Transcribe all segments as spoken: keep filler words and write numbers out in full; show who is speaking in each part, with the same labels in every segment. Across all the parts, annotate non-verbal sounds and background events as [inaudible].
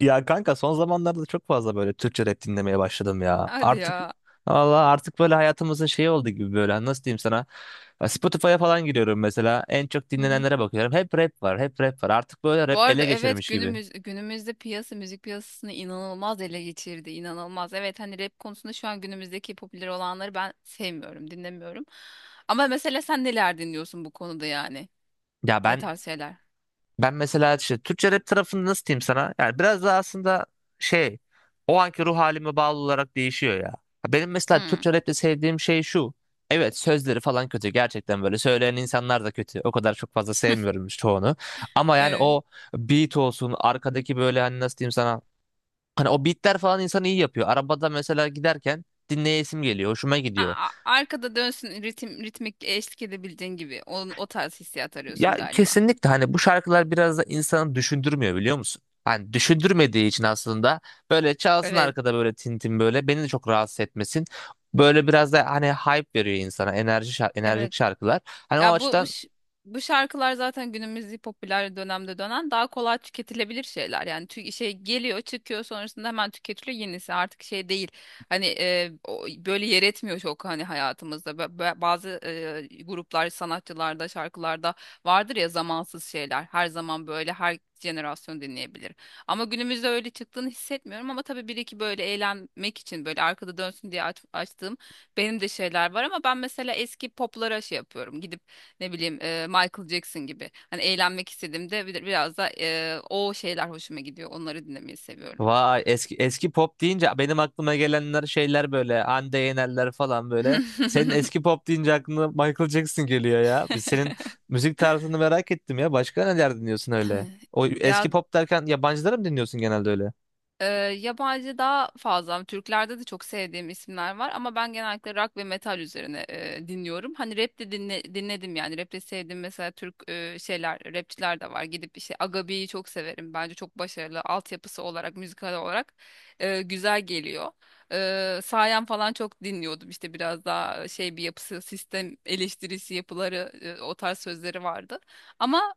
Speaker 1: Ya kanka son zamanlarda çok fazla böyle Türkçe rap dinlemeye başladım ya.
Speaker 2: Hadi
Speaker 1: Artık
Speaker 2: ya.
Speaker 1: valla artık böyle hayatımızın şeyi oldu gibi böyle. Hani nasıl diyeyim sana? Ya Spotify'a falan giriyorum mesela, en çok
Speaker 2: Hı hı.
Speaker 1: dinlenenlere bakıyorum. Hep rap var, hep rap var, artık böyle
Speaker 2: Bu
Speaker 1: rap
Speaker 2: arada
Speaker 1: ele
Speaker 2: evet
Speaker 1: geçirmiş gibi.
Speaker 2: günümüz günümüzde piyasa müzik piyasasını inanılmaz ele geçirdi. İnanılmaz. Evet hani rap konusunda şu an günümüzdeki popüler olanları ben sevmiyorum, dinlemiyorum. Ama mesela sen neler dinliyorsun bu konuda yani?
Speaker 1: Ya
Speaker 2: Ne
Speaker 1: ben
Speaker 2: tarz şeyler?
Speaker 1: Ben mesela işte Türkçe rap tarafını nasıl diyeyim sana? Yani biraz da aslında şey o anki ruh halime bağlı olarak değişiyor ya. Ha, benim mesela
Speaker 2: Hmm.
Speaker 1: Türkçe rapte sevdiğim şey şu. Evet, sözleri falan kötü, gerçekten böyle söyleyen insanlar da kötü. O kadar çok fazla sevmiyorum işte çoğunu. Ama yani
Speaker 2: Evet.
Speaker 1: o beat olsun arkadaki, böyle hani nasıl diyeyim sana. Hani o beatler falan insanı iyi yapıyor. Arabada mesela giderken dinleyesim geliyor, hoşuma
Speaker 2: A-
Speaker 1: gidiyor.
Speaker 2: a- Arkada dönsün ritim ritmik eşlik edebildiğin gibi. Onun o tarz hissiyat arıyorsun
Speaker 1: Ya
Speaker 2: galiba.
Speaker 1: kesinlikle, hani bu şarkılar biraz da insanı düşündürmüyor, biliyor musun? Hani düşündürmediği için aslında böyle çalsın
Speaker 2: Evet.
Speaker 1: arkada, böyle tintin, böyle beni de çok rahatsız etmesin. Böyle biraz da hani hype veriyor insana, enerji şar- enerjik
Speaker 2: Evet.
Speaker 1: şarkılar. Hani o
Speaker 2: Ya bu bu
Speaker 1: açıdan
Speaker 2: ş- bu şarkılar zaten günümüz popüler dönemde dönen daha kolay tüketilebilir şeyler. Yani tü- şey geliyor, çıkıyor sonrasında hemen tüketiliyor yenisi. Artık şey değil. Hani e, o- böyle yer etmiyor çok hani hayatımızda. Ba- ba- Bazı e, gruplar, sanatçılarda, şarkılarda vardır ya zamansız şeyler. Her zaman böyle her jenerasyon dinleyebilir. Ama günümüzde öyle çıktığını hissetmiyorum, ama tabii bir iki böyle eğlenmek için böyle arkada dönsün diye aç- açtığım benim de şeyler var. Ama ben mesela eski poplara şey yapıyorum, gidip ne bileyim e, Michael Jackson gibi. Hani eğlenmek istediğimde bir- biraz da e, o şeyler hoşuma gidiyor. Onları dinlemeyi seviyorum.
Speaker 1: vay, eski eski pop deyince benim aklıma gelenler şeyler böyle Hande Yenerler falan böyle. Senin
Speaker 2: [laughs]
Speaker 1: eski pop deyince aklına Michael Jackson geliyor ya. Biz senin müzik tarzını merak ettim ya. Başka neler dinliyorsun öyle? O
Speaker 2: Ya,
Speaker 1: eski pop derken yabancıları mı dinliyorsun genelde öyle?
Speaker 2: Ee, yabancı daha fazla. Türklerde de çok sevdiğim isimler var, ama ben genellikle rock ve metal üzerine e, dinliyorum. Hani rap de dinle- dinledim yani. Rap de sevdiğim mesela Türk e, şeyler, rapçiler de var. Gidip işte Agabi'yi çok severim. Bence çok başarılı. Altyapısı olarak, müzikal olarak e, güzel geliyor. E, Sayan falan çok dinliyordum. İşte biraz daha şey bir yapısı, sistem eleştirisi yapıları, e, o tarz sözleri vardı. Ama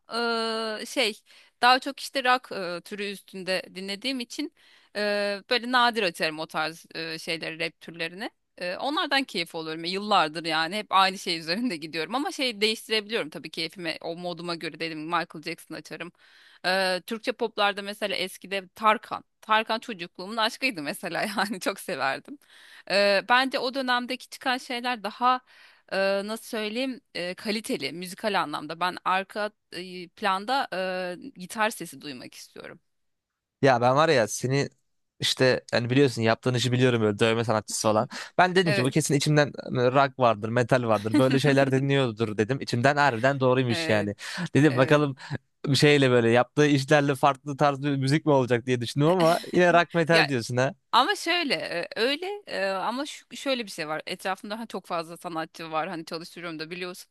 Speaker 2: e, şey daha çok işte rock e, türü üstünde dinlediğim için Eee, böyle nadir açarım o tarz eee, şeyleri, rap türlerini. Eee, onlardan keyif alıyorum. Yıllardır yani hep aynı şey [laughs] üzerinde gidiyorum. Ama şey değiştirebiliyorum tabii keyfime, o moduma göre dedim. Michael Jackson açarım. Eee, Türkçe poplarda mesela eskide Tarkan. Tarkan çocukluğumun aşkıydı mesela [laughs] yani çok severdim. Eee, bence o dönemdeki çıkan şeyler daha eee, nasıl söyleyeyim eee, kaliteli müzikal anlamda. Ben arka eee, planda eee, gitar sesi duymak istiyorum.
Speaker 1: Ya ben var ya seni, işte hani biliyorsun yaptığın işi biliyorum, böyle dövme sanatçısı olan. Ben dedim ki bu
Speaker 2: Evet.
Speaker 1: kesin içimden, hani rock vardır, metal vardır. Böyle şeyler dinliyordur dedim. İçimden harbiden doğruymuş
Speaker 2: Evet.
Speaker 1: yani. Dedim
Speaker 2: Evet.
Speaker 1: bakalım bir şeyle, böyle yaptığı işlerle farklı tarz bir müzik mi olacak diye düşündüm, ama yine
Speaker 2: [laughs]
Speaker 1: rock
Speaker 2: Ya,
Speaker 1: metal diyorsun ha.
Speaker 2: ama şöyle e, öyle e, ama şu, şöyle bir şey var. Etrafımda hani çok fazla sanatçı var. Hani çalıştırıyorum da biliyorsun.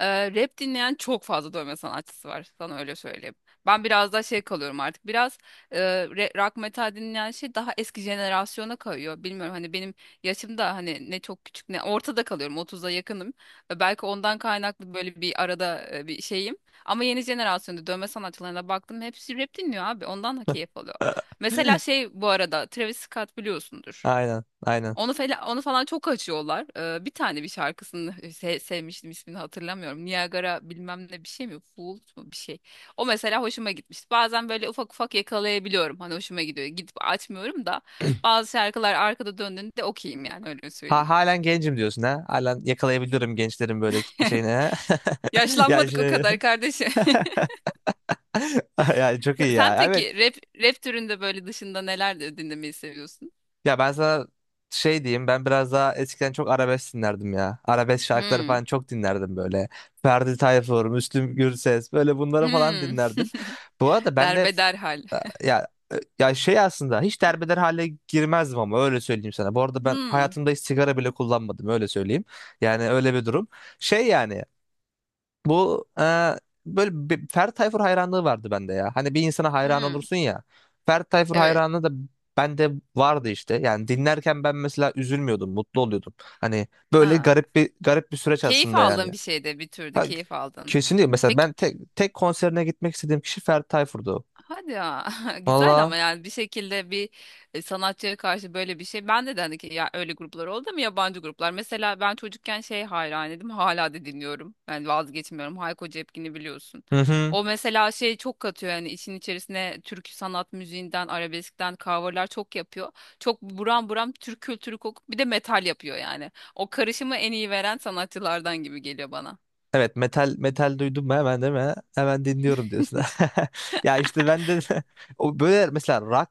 Speaker 2: E, rap dinleyen çok fazla dövme sanatçısı var. Sana öyle söyleyeyim. Ben biraz daha şey kalıyorum artık. Biraz e, re- rock metal dinleyen şey daha eski jenerasyona kayıyor. Bilmiyorum, hani benim yaşımda hani ne çok küçük ne ortada kalıyorum. otuza yakınım. E, belki ondan kaynaklı böyle bir arada e, bir şeyim. Ama yeni jenerasyonda dövme sanatçılarına baktım, hepsi rap dinliyor abi. Ondan da keyif alıyorum.
Speaker 1: [laughs]
Speaker 2: Mesela şey bu arada Travis Scott biliyorsundur.
Speaker 1: Aynen, aynen.
Speaker 2: Onu falan, onu falan çok açıyorlar. Ee, bir tane bir şarkısını [laughs] se- sevmiştim, ismini hatırlamıyorum. Niagara bilmem ne bir şey mi? Fool mu bir şey. O mesela hoşuma gitmişti. Bazen böyle ufak ufak yakalayabiliyorum. Hani hoşuma gidiyor. Gidip açmıyorum da bazı şarkılar arkada döndüğünde okeyim, yani öyle söyleyeyim.
Speaker 1: Ha, halen gencim diyorsun ha. Halen yakalayabiliyorum gençlerin böyle kitle
Speaker 2: [laughs]
Speaker 1: şeyini ha. [laughs] Ya
Speaker 2: Yaşlanmadık o
Speaker 1: işte.
Speaker 2: kadar kardeşim. [laughs]
Speaker 1: [laughs] [laughs] Yani çok iyi
Speaker 2: Sen
Speaker 1: ya. Evet.
Speaker 2: peki rap, rap türünde böyle dışında neler de dinlemeyi seviyorsun?
Speaker 1: Ya ben sana şey diyeyim, ben biraz daha eskiden çok arabesk dinlerdim ya. Arabesk şarkıları
Speaker 2: Hmm.
Speaker 1: falan çok dinlerdim böyle. Ferdi Tayfur, Müslüm Gürses, böyle bunları falan
Speaker 2: Hmm. [laughs]
Speaker 1: dinlerdim. Bu arada ben de
Speaker 2: Derbeder hal.
Speaker 1: ya, e, ya şey aslında hiç derbeder hale girmezdim ama öyle söyleyeyim sana. Bu arada ben
Speaker 2: Hmm.
Speaker 1: hayatımda hiç sigara bile kullanmadım, öyle söyleyeyim. Yani öyle bir durum. Şey yani bu e, böyle bir Ferdi Tayfur hayranlığı vardı bende ya. Hani bir insana hayran
Speaker 2: Hmm,
Speaker 1: olursun ya. Ferdi Tayfur
Speaker 2: evet.
Speaker 1: hayranlığı da bende vardı işte. Yani dinlerken ben mesela üzülmüyordum, mutlu oluyordum. Hani böyle
Speaker 2: Ha.
Speaker 1: garip bir garip bir süreç
Speaker 2: Keyif
Speaker 1: aslında
Speaker 2: aldın
Speaker 1: yani.
Speaker 2: bir şeyde, bir türlü
Speaker 1: Ha,
Speaker 2: keyif aldın.
Speaker 1: kesinlikle mesela
Speaker 2: Peki,
Speaker 1: ben tek tek konserine gitmek istediğim kişi Ferdi Tayfur'du.
Speaker 2: hadi ya, [laughs] güzel,
Speaker 1: Valla.
Speaker 2: ama yani bir şekilde bir e, sanatçıya karşı böyle bir şey. Ben de hani ki, ya öyle gruplar oldu mu, yabancı gruplar. Mesela ben çocukken şey hayranıydım, hala da dinliyorum. Yani vazgeçmiyorum, Hayko Cepkin'i biliyorsun.
Speaker 1: Hı hı.
Speaker 2: O mesela şey çok katıyor yani işin içerisine, türkü sanat müziğinden arabeskten coverlar çok yapıyor. Çok buram buram Türk kültürü kokup bir de metal yapıyor yani. O karışımı en iyi veren sanatçılardan gibi geliyor bana.
Speaker 1: Evet, metal metal duydum mu hemen, değil mi? Hemen dinliyorum diyorsun. [laughs] Ya işte ben de [laughs] o böyle mesela rock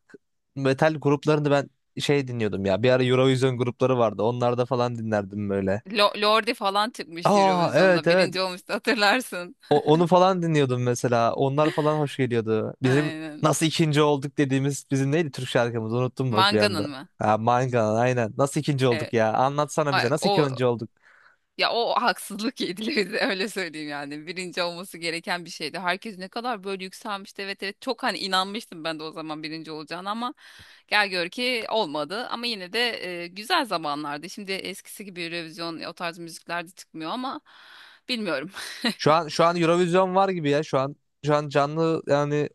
Speaker 1: metal gruplarını ben şey dinliyordum ya. Bir ara Eurovision grupları vardı. Onlarda falan dinlerdim böyle.
Speaker 2: Lo- Lordi falan çıkmıştı
Speaker 1: Aa, evet
Speaker 2: Eurovision'da.
Speaker 1: evet.
Speaker 2: Birinci olmuştu, hatırlarsın.
Speaker 1: O- onu falan dinliyordum mesela. Onlar falan hoş geliyordu. Bizim
Speaker 2: Aynen.
Speaker 1: nasıl ikinci olduk dediğimiz bizim neydi Türk şarkımız? Unuttum bak bir
Speaker 2: Manga'nın
Speaker 1: anda.
Speaker 2: mı?
Speaker 1: Ha, Mangan aynen. Nasıl ikinci olduk
Speaker 2: Evet.
Speaker 1: ya? Anlatsana bize,
Speaker 2: Ay,
Speaker 1: nasıl
Speaker 2: o,
Speaker 1: ikinci olduk?
Speaker 2: ya o haksızlık yediler [laughs] bize, öyle söyleyeyim yani. Birinci olması gereken bir şeydi. Herkes ne kadar böyle yükselmişti. Evet evet, çok hani inanmıştım ben de o zaman birinci olacağını, ama gel gör ki olmadı. Ama yine de e, güzel zamanlardı. Şimdi eskisi gibi Eurovision o tarz müzikler de çıkmıyor ama bilmiyorum. [laughs]
Speaker 1: Şu an şu an Eurovision var gibi ya. Şu an şu an canlı yani,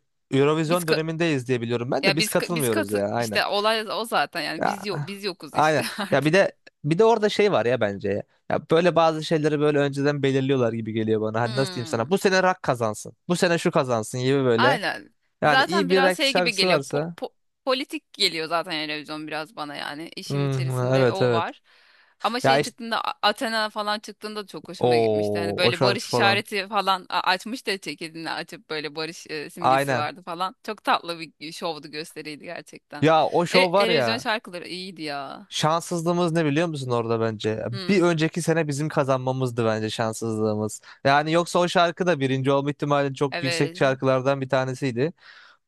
Speaker 2: Biz
Speaker 1: Eurovision
Speaker 2: ka-
Speaker 1: dönemindeyiz diye biliyorum. Ben de
Speaker 2: Ya
Speaker 1: biz
Speaker 2: biz ka- biz
Speaker 1: katılmıyoruz
Speaker 2: katı
Speaker 1: ya, aynen.
Speaker 2: işte, olay o zaten yani,
Speaker 1: Ya
Speaker 2: biz yok, biz yokuz işte
Speaker 1: aynen.
Speaker 2: [laughs]
Speaker 1: Ya bir
Speaker 2: artık.
Speaker 1: de bir de orada şey var ya bence ya. Ya böyle bazı şeyleri böyle önceden belirliyorlar gibi geliyor bana. Hani nasıl diyeyim sana?
Speaker 2: Hmm,
Speaker 1: Bu sene rock kazansın. Bu sene şu kazansın gibi böyle.
Speaker 2: aynen.
Speaker 1: Yani
Speaker 2: Zaten
Speaker 1: iyi bir
Speaker 2: biraz
Speaker 1: rock
Speaker 2: şey gibi
Speaker 1: şarkısı
Speaker 2: geliyor, po-
Speaker 1: varsa.
Speaker 2: po- politik geliyor zaten televizyon biraz bana yani. İşin
Speaker 1: Hmm,
Speaker 2: içerisinde
Speaker 1: evet
Speaker 2: o
Speaker 1: evet.
Speaker 2: var. Ama
Speaker 1: Ya
Speaker 2: şey
Speaker 1: işte
Speaker 2: çıktığında A- Athena falan çıktığında da çok hoşuma gitmişti.
Speaker 1: o
Speaker 2: Hani
Speaker 1: o
Speaker 2: böyle
Speaker 1: şarkı
Speaker 2: barış
Speaker 1: falan.
Speaker 2: işareti falan a- açmış da, ceketini açıp böyle barış e, simgesi
Speaker 1: Aynen.
Speaker 2: vardı falan. Çok tatlı bir şovdu, gösteriydi gerçekten.
Speaker 1: Ya o
Speaker 2: E,
Speaker 1: şov var
Speaker 2: Eurovision
Speaker 1: ya.
Speaker 2: şarkıları iyiydi ya.
Speaker 1: Şanssızlığımız ne biliyor musun orada bence?
Speaker 2: Hmm,
Speaker 1: Bir önceki sene bizim kazanmamızdı bence şanssızlığımız. Yani yoksa o şarkı da birinci olma ihtimali çok yüksek
Speaker 2: evet,
Speaker 1: şarkılardan bir tanesiydi.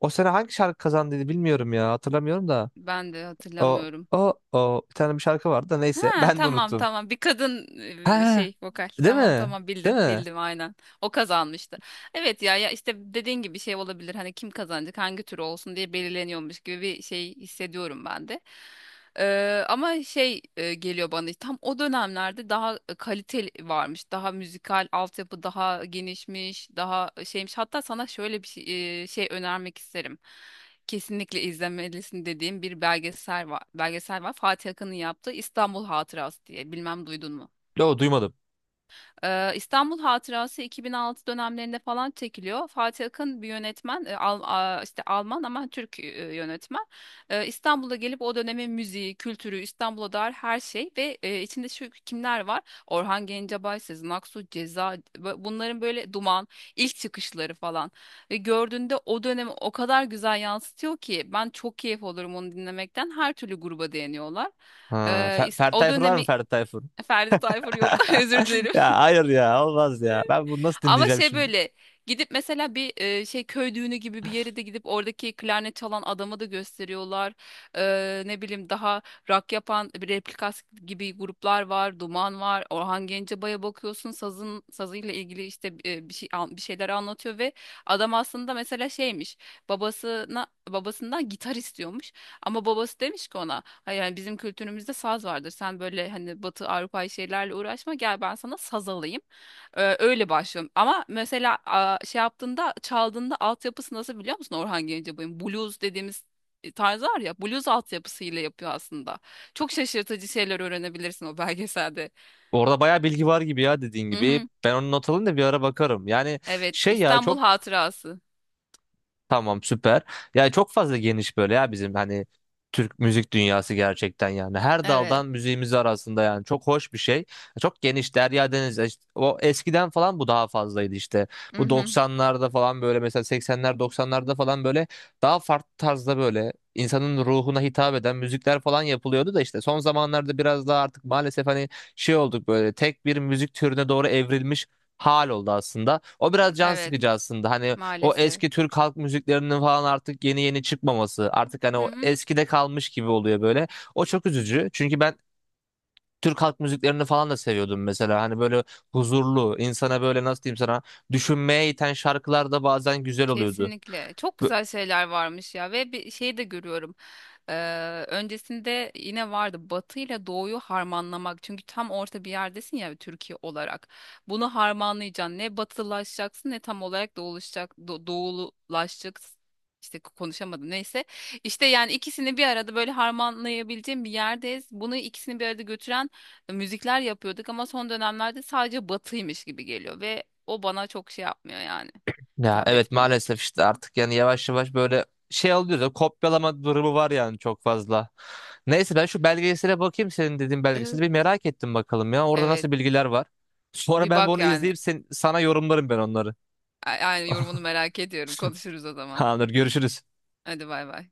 Speaker 1: O sene hangi şarkı kazandıydı bilmiyorum ya, hatırlamıyorum da.
Speaker 2: ben de
Speaker 1: O
Speaker 2: hatırlamıyorum.
Speaker 1: o o bir tane bir şarkı vardı da, neyse, [laughs]
Speaker 2: Ha
Speaker 1: ben de
Speaker 2: tamam
Speaker 1: unuttum.
Speaker 2: tamam, bir kadın e,
Speaker 1: Ha,
Speaker 2: şey vokal,
Speaker 1: değil
Speaker 2: tamam
Speaker 1: mi?
Speaker 2: tamam,
Speaker 1: Değil
Speaker 2: bildim
Speaker 1: mi?
Speaker 2: bildim, aynen o kazanmıştı. Evet ya, ya işte dediğin gibi şey olabilir, hani kim kazanacak hangi tür olsun diye belirleniyormuş gibi bir şey hissediyorum ben de. Eee, ama şey e, geliyor bana işte, tam o dönemlerde daha kaliteli varmış. Daha müzikal altyapı daha genişmiş, daha şeymiş. Hatta sana şöyle bir şey, e, şey önermek isterim. Kesinlikle izlemelisin dediğim bir belgesel var. Belgesel var. Fatih Akın'ın yaptığı İstanbul Hatırası diye. Bilmem duydun mu?
Speaker 1: Yo, duymadım.
Speaker 2: Ee, İstanbul Hatırası iki bin altı dönemlerinde falan çekiliyor. Fatih Akın bir yönetmen, e, Al- a- işte Alman ama Türk e, yönetmen. Ee, İstanbul'a gelip o dönemin müziği, kültürü, İstanbul'a dair her şey ve e, içinde şu kimler var? Orhan Gencebay, Sezen Aksu, Ceza, bu- bunların böyle, Duman, ilk çıkışları falan. Ve gördüğünde o dönemi o kadar güzel yansıtıyor ki ben çok keyif olurum onu dinlemekten. Her türlü gruba değiniyorlar.
Speaker 1: Ha,
Speaker 2: Ee,
Speaker 1: Fer
Speaker 2: ist-
Speaker 1: Ferdi
Speaker 2: o
Speaker 1: Tayfur var mı,
Speaker 2: dönemi
Speaker 1: Ferdi Tayfur?
Speaker 2: Ferdi Tayfur yok, [laughs] özür
Speaker 1: [laughs]
Speaker 2: dilerim.
Speaker 1: Ya hayır ya, olmaz ya. Ben bunu nasıl
Speaker 2: Ama
Speaker 1: dinleyeceğim
Speaker 2: şey
Speaker 1: şimdi?
Speaker 2: böyle gidip mesela bir e, şey köy düğünü gibi bir yere de gidip, oradaki klarnet çalan adamı da gösteriyorlar. Eee, ne bileyim, daha rock yapan bir replikas gibi gruplar var, Duman var. Orhan Gencebay'a bakıyorsun, sazın sazıyla ilgili işte e, bir şey an- bir şeyler anlatıyor ve adam aslında mesela şeymiş. Babasına babasından gitar istiyormuş ama babası demiş ki ona, "Hayır, yani bizim kültürümüzde saz vardır. Sen böyle hani Batı Avrupa şeylerle uğraşma. Gel ben sana saz alayım. Ee, öyle başlıyorum. Ama mesela a, şey yaptığında çaldığında altyapısı nasıl, biliyor musun Orhan Gencebay'ın? Blues dediğimiz e, tarz var ya, blues altyapısıyla yapıyor aslında. Çok şaşırtıcı şeyler öğrenebilirsin o [laughs] belgeselde.
Speaker 1: Orada bayağı bilgi var gibi ya, dediğin
Speaker 2: Hı
Speaker 1: gibi.
Speaker 2: hı.
Speaker 1: Ben onu not alayım da bir ara bakarım. Yani
Speaker 2: Evet,
Speaker 1: şey ya
Speaker 2: İstanbul
Speaker 1: çok
Speaker 2: Hatırası.
Speaker 1: Tamam, süper. Yani çok fazla geniş böyle ya bizim hani Türk müzik dünyası gerçekten yani. Her
Speaker 2: Evet.
Speaker 1: daldan müziğimiz arasında, yani çok hoş bir şey. Çok geniş derya deniz. e, İşte o eskiden falan bu daha fazlaydı işte.
Speaker 2: Hı
Speaker 1: Bu
Speaker 2: hı.
Speaker 1: doksanlarda falan, böyle mesela seksenler doksanlarda falan, böyle daha farklı tarzda, böyle insanın ruhuna hitap eden müzikler falan yapılıyordu da, işte son zamanlarda biraz daha artık maalesef hani şey olduk, böyle tek bir müzik türüne doğru evrilmiş hal oldu aslında. O biraz can
Speaker 2: Evet,
Speaker 1: sıkıcı aslında. Hani o
Speaker 2: maalesef.
Speaker 1: eski Türk halk müziklerinin falan artık yeni yeni çıkmaması. Artık hani
Speaker 2: Hı
Speaker 1: o
Speaker 2: hı.
Speaker 1: eskide kalmış gibi oluyor böyle. O çok üzücü. Çünkü ben Türk halk müziklerini falan da seviyordum mesela. Hani böyle huzurlu, insana böyle nasıl diyeyim sana, düşünmeye iten şarkılar da bazen güzel oluyordu.
Speaker 2: Kesinlikle. Çok
Speaker 1: Bö-
Speaker 2: güzel şeyler varmış ya, ve bir şey de görüyorum. Ee, öncesinde yine vardı Batı ile Doğu'yu harmanlamak. Çünkü tam orta bir yerdesin ya, Türkiye olarak. Bunu harmanlayacaksın. Ne batılaşacaksın ne tam olarak doğulaşacak, do- doğululaşacaksın. İşte konuşamadım. Neyse. İşte yani ikisini bir arada böyle harmanlayabileceğim bir yerdeyiz. Bunu ikisini bir arada götüren e, müzikler yapıyorduk, ama son dönemlerde sadece batıymış gibi geliyor ve o bana çok şey yapmıyor yani
Speaker 1: Ya
Speaker 2: hitap
Speaker 1: evet,
Speaker 2: etmiyor.
Speaker 1: maalesef, işte artık yani yavaş yavaş böyle şey oluyor ya, kopyalama durumu var yani çok fazla. Neyse, ben şu belgesele bakayım, senin dediğin belgeseli
Speaker 2: Evet.
Speaker 1: bir merak ettim, bakalım ya orada
Speaker 2: Evet.
Speaker 1: nasıl bilgiler var. Sonra
Speaker 2: Bir
Speaker 1: ben
Speaker 2: bak
Speaker 1: bunu
Speaker 2: yani.
Speaker 1: izleyip sen, sana yorumlarım ben onları.
Speaker 2: A- Aynı yorumunu
Speaker 1: [laughs]
Speaker 2: merak ediyorum. Konuşuruz o zaman.
Speaker 1: Tamamdır, görüşürüz.
Speaker 2: Hadi bay bay.